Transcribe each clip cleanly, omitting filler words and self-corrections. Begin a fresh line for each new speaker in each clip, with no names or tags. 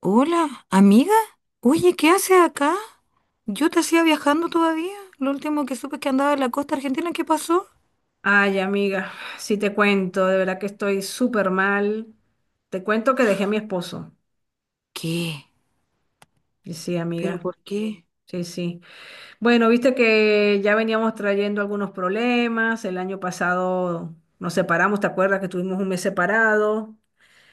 Hola, amiga. Oye, ¿qué haces acá? Yo te hacía viajando todavía. Lo último que supe es que andaba en la costa argentina. ¿Qué pasó?
Ay, amiga, si te cuento, de verdad que estoy súper mal. Te cuento que dejé a mi esposo.
¿Qué?
Y sí,
¿Pero
amiga,
por qué?
sí, sí. Bueno, viste que ya veníamos trayendo algunos problemas. El año pasado nos separamos, ¿te acuerdas que tuvimos un mes separado?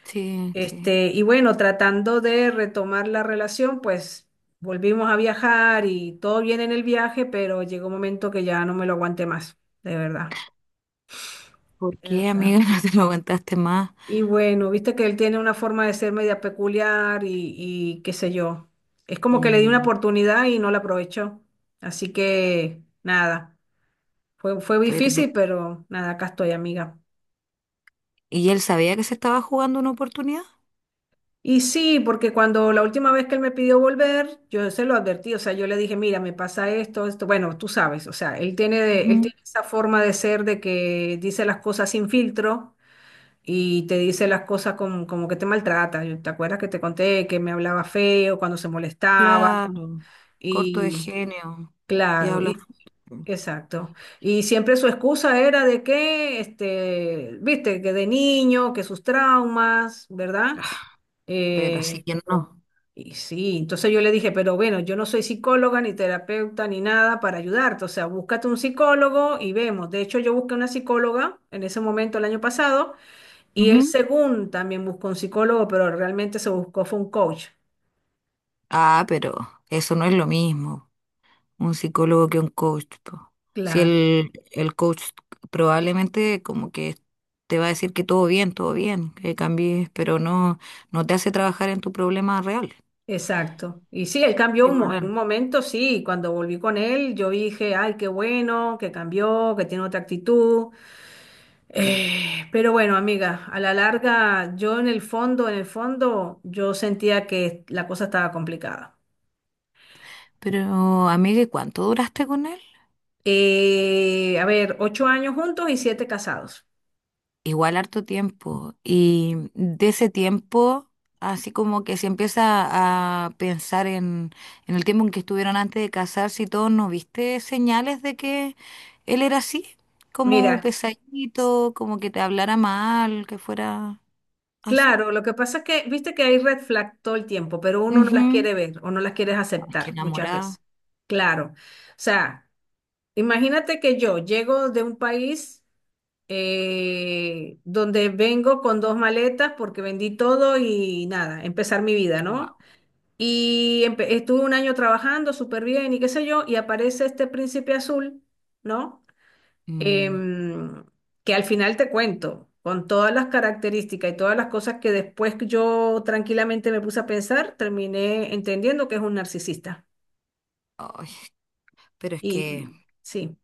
Sí, sí.
Y bueno, tratando de retomar la relación, pues volvimos a viajar y todo bien en el viaje, pero llegó un momento que ya no me lo aguanté más, de verdad,
¿Por
de
qué, amiga?
verdad.
No te lo aguantaste más.
Y bueno, viste que él tiene una forma de ser media peculiar y qué sé yo. Es como que le di una
Mm,
oportunidad y no la aprovechó. Así que nada, fue
pero,
difícil, pero nada, acá estoy, amiga.
¿y él sabía que se estaba jugando una oportunidad?
Y sí, porque cuando la última vez que él me pidió volver, yo se lo advertí, o sea, yo le dije, mira, me pasa esto, esto, bueno, tú sabes, o sea, él tiene, él
Ujú.
tiene esa forma de ser de que dice las cosas sin filtro y te dice las cosas como que te maltrata. Yo- ¿Te acuerdas que te conté que me hablaba feo cuando se molestaba?
Claro. Corto de
Y
genio. Y
claro,
habla
y
fuerte.
exacto. Y siempre su excusa era de que, viste, que de niño, que sus traumas, ¿verdad?
Pero así
Eh,
que no.
y sí, entonces yo le dije, pero bueno, yo no soy psicóloga ni terapeuta ni nada para ayudarte, o sea, búscate un psicólogo y vemos. De hecho, yo busqué una psicóloga en ese momento el año pasado y él,
Ujú.
según también buscó un psicólogo, pero realmente se buscó fue un coach.
Ah, pero eso no es lo mismo un psicólogo que un coach, po. Si
Claro,
el coach probablemente como que te va a decir que todo bien, que cambies, pero no, no te hace trabajar en tu problema real.
exacto. Y sí, él cambió
Qué
en un
mal.
momento, sí, cuando volví con él, yo dije, ay, qué bueno, que cambió, que tiene otra actitud. Pero bueno, amiga, a la larga, yo en el fondo, yo sentía que la cosa estaba complicada.
Pero, amiga, ¿y cuánto duraste con él?
A ver, 8 años juntos y 7 casados.
Igual harto tiempo. Y de ese tiempo, así como que se empieza a pensar en, el tiempo en que estuvieron antes de casarse y todo, ¿no viste señales de que él era así? Como
Mira.
pesadito, como que te hablara mal, que fuera así.
Claro, lo que pasa es que, viste que hay red flag todo el tiempo, pero uno no las
Ujú.
quiere ver o no las quiere
Ay, que
aceptar muchas
enamorada.
veces. Claro. O sea, imagínate que yo llego de un país donde vengo con dos maletas porque vendí todo y nada, empezar mi vida, ¿no? Y estuve un año trabajando súper bien y qué sé yo, y aparece este príncipe azul, ¿no?
Wow.
em, que al final te cuento, con todas las características y todas las cosas que después que yo tranquilamente me puse a pensar, terminé entendiendo que es un narcisista.
Pero es que
Y sí,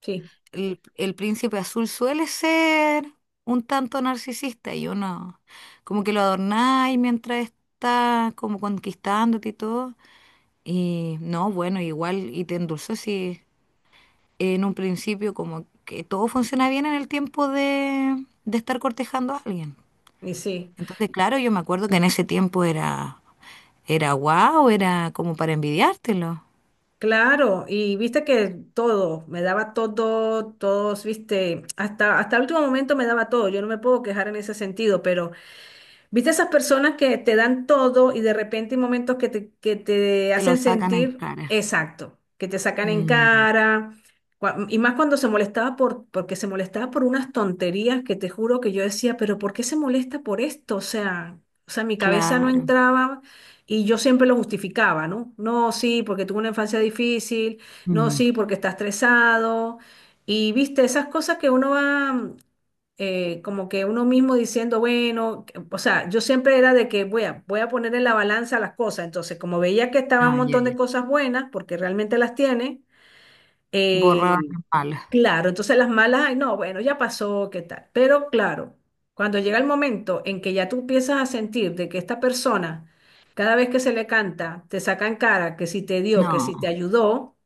sí,
el príncipe azul suele ser un tanto narcisista y uno como que lo adornáis mientras está como conquistándote y todo. Y no, bueno, igual y te endulzó si en un principio como que todo funciona bien en el tiempo de estar cortejando a alguien.
y sí.
Entonces, claro, yo me acuerdo que en ese tiempo era, era guau, era como para envidiártelo.
Claro, y viste que todo, me daba todo, todos, viste, hasta, hasta el último momento me daba todo, yo no me puedo quejar en ese sentido, pero ¿viste esas personas que te dan todo y de repente hay momentos que que te
Te lo
hacen
sacan en
sentir
cara.
exacto, que te sacan en
Mm,
cara? Y más cuando se molestaba porque se molestaba por unas tonterías que te juro que yo decía, pero ¿por qué se molesta por esto? O sea, mi cabeza no
claro.
entraba y yo siempre lo justificaba, ¿no? No, sí, porque tuve una infancia difícil, no,
Mm,
sí, porque está estresado. Y viste, esas cosas que uno va como que uno mismo diciendo, bueno, o sea, yo siempre era de que voy a poner en la balanza las cosas. Entonces, como veía que estaban un
ah, ya,
montón de
ya.
cosas buenas, porque realmente las tiene,
Borrado
eh,
en.
claro, entonces las malas, ay, no, bueno, ya pasó, ¿qué tal? Pero claro, cuando llega el momento en que ya tú empiezas a sentir de que esta persona, cada vez que se le canta, te saca en cara que si te dio, que si te
No,
ayudó,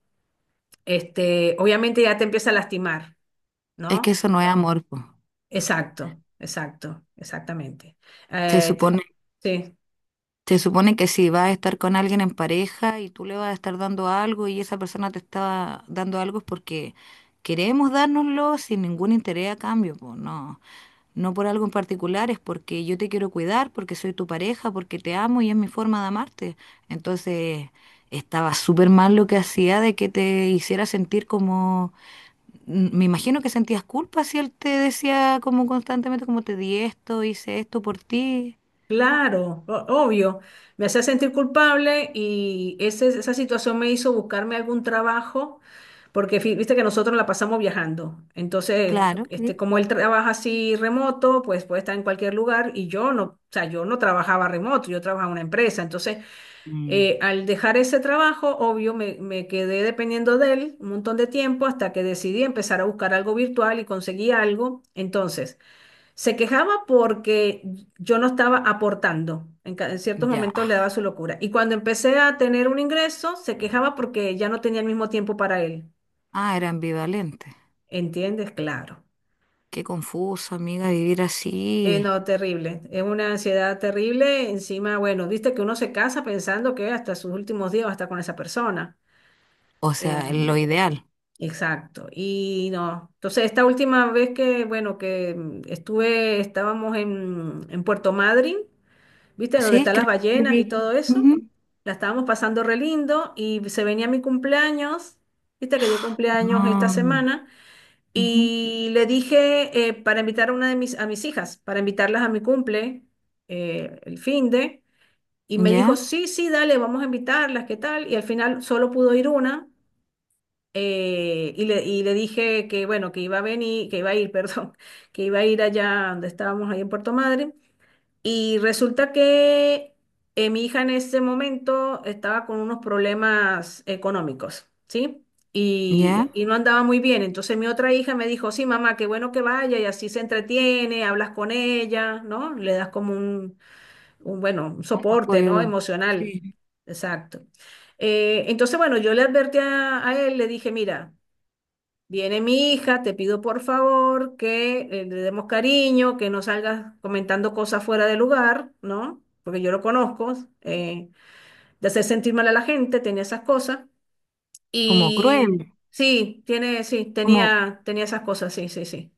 obviamente ya te empieza a lastimar,
es que
¿no?
eso no es amor, po.
Exacto, exacto, exactamente.
Se
Eh, te-
supone,
sí,
se supone que si vas a estar con alguien en pareja y tú le vas a estar dando algo y esa persona te está dando algo es porque queremos dárnoslo sin ningún interés a cambio, po. No, no por algo en particular, es porque yo te quiero cuidar, porque soy tu pareja, porque te amo y es mi forma de amarte. Entonces, estaba súper mal lo que hacía de que te hiciera sentir como me imagino que sentías culpa si él te decía como constantemente, como te di esto, hice esto por ti.
claro, obvio. Me hacía sentir culpable y esa situación me hizo buscarme algún trabajo, porque viste que nosotros la pasamos viajando. Entonces,
Claro, sí.
como él trabaja así remoto, pues puede estar en cualquier lugar y yo no, o sea, yo no trabajaba remoto, yo trabajaba en una empresa. Entonces,
Mm,
Al dejar ese trabajo, obvio, me quedé dependiendo de él un montón de tiempo hasta que decidí empezar a buscar algo virtual y conseguí algo. Entonces, se quejaba porque yo no estaba aportando. En ciertos
ya.
momentos le daba su locura. Y cuando empecé a tener un ingreso, se quejaba porque ya no tenía el mismo tiempo para él.
Ah, era ambivalente.
¿Entiendes? Claro.
Qué confuso, amiga, vivir así.
No, terrible. Es una ansiedad terrible. Encima, bueno, viste que uno se casa pensando que hasta sus últimos días va a estar con esa persona.
O sea, lo
Em,
ideal.
Exacto. Y no, entonces esta última vez que, bueno, que estuve, estábamos en Puerto Madryn, ¿viste? Donde
Sí,
están las
creo que
ballenas y todo eso.
Ujú.
La estábamos pasando re lindo y se venía mi cumpleaños, ¿viste? Que yo cumpleaños
No.
esta semana.
Ujú.
Y le dije para invitar a mis hijas, para invitarlas a mi cumple, el fin de. Y me dijo,
Ya,
sí, sí, dale, vamos a invitarlas, ¿qué tal? Y al final solo pudo ir una y le dije que, bueno, que iba a venir, que iba a ir, perdón, que iba a ir allá donde estábamos, ahí en Puerto Madre. Y resulta que mi hija en ese momento estaba con unos problemas económicos, ¿sí?
ya.
Y no andaba muy bien. Entonces mi otra hija me dijo, sí, mamá, qué bueno que vaya y así se entretiene, hablas con ella, ¿no? Le das como un bueno, un soporte, ¿no?
Apoyo.
Emocional.
Sí.
Exacto. Entonces, bueno, yo le advertí a él, le dije, mira, viene mi hija, te pido por favor que le demos cariño, que no salgas comentando cosas fuera de lugar, ¿no? Porque yo lo conozco, eh, de hacer sentir mal a la gente, tenía esas cosas.
Como cruel.
Y sí, tiene, sí,
Como.
tenía, tenía esas cosas, sí, sí, sí.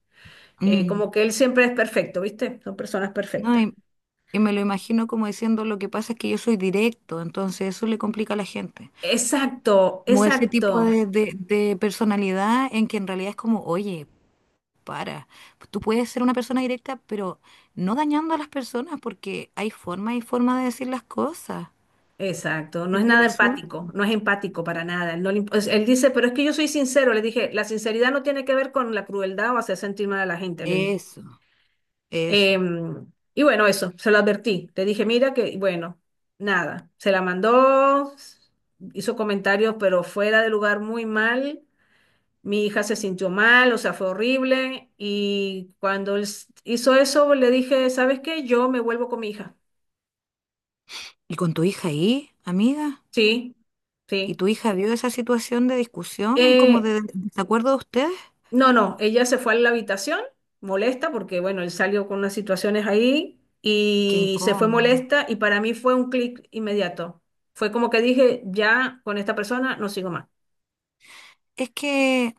Mm,
Como que él siempre es perfecto, ¿viste? Son personas
no,
perfectas.
y, me lo imagino como diciendo lo que pasa es que yo soy directo, entonces eso le complica a la gente.
Exacto,
Como ese
exacto.
tipo de, personalidad en que en realidad es como, oye, para, tú puedes ser una persona directa, pero no dañando a las personas porque hay forma y forma de decir las cosas.
Exacto, no es
Ese es el
nada
asunto.
empático, no es empático para nada. Él, no le imp- es- él dice, pero es que yo soy sincero, le dije, la sinceridad no tiene que ver con la crueldad o hacer sentir mal a la gente, le dije.
Eso, eso.
Y bueno, eso, se lo advertí. Le dije, mira que, bueno, nada, se la mandó, hizo comentarios, pero fuera de lugar muy mal. Mi hija se sintió mal, o sea, fue horrible. Y cuando él hizo eso, le dije, ¿sabes qué? Yo me vuelvo con mi hija.
¿Y con tu hija ahí, amiga?
Sí,
¿Y
sí.
tu hija vio esa situación de discusión, como
Eh,
de desacuerdo de ustedes?
No, no, ella se fue a la habitación, molesta, porque bueno, él salió con unas situaciones ahí
Qué
y se fue
incómodo.
molesta y para mí fue un clic inmediato. Fue como que dije, ya con esta persona no sigo más.
Es que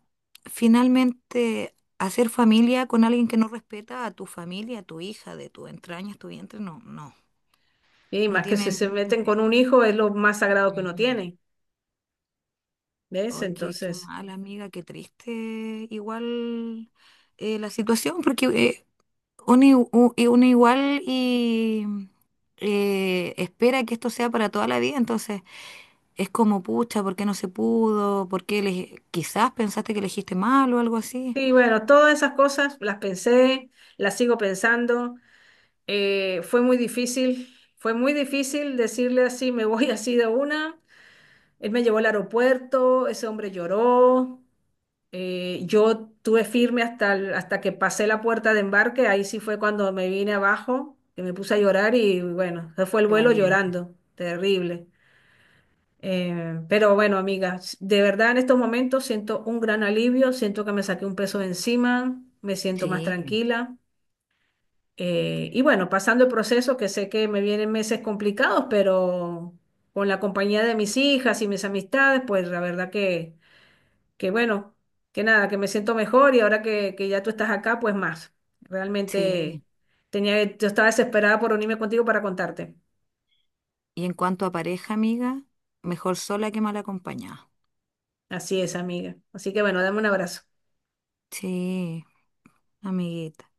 finalmente hacer familia con alguien que no respeta a tu familia, a tu hija, de tu entraña, tu vientre, no, no.
Y
No
más que si
tienen
se
ningún
meten con
sentido.
un hijo es lo más sagrado que uno
Mm.
tiene, ¿ves?
Ay, qué
Entonces,
mal, amiga, qué triste. Igual, la situación, porque uno igual y espera que esto sea para toda la vida, entonces es como, pucha, ¿por qué no se pudo? ¿Por qué quizás pensaste que elegiste mal o algo así?
sí, bueno, todas esas cosas las pensé, las sigo pensando. Fue muy difícil, fue muy difícil decirle así, me voy así de una. Él me llevó al aeropuerto, ese hombre lloró. Yo tuve firme hasta, hasta que pasé la puerta de embarque, ahí sí fue cuando me vine abajo, que me puse a llorar y bueno, se fue el
Qué
vuelo
valiente.
llorando, terrible. Pero bueno, amiga, de verdad en estos momentos siento un gran alivio, siento que me saqué un peso de encima, me siento más
Sí,
tranquila. Y bueno, pasando el proceso, que sé que me vienen meses complicados, pero con la compañía de mis hijas y mis amistades, pues la verdad que bueno, que nada, que me siento mejor y ahora que ya tú estás acá, pues más. Realmente
sí.
tenía, yo estaba desesperada por unirme contigo para contarte.
Y en cuanto a pareja, amiga, mejor sola que mal acompañada.
Así es, amiga. Así que bueno, dame un abrazo.
Sí, amiguita.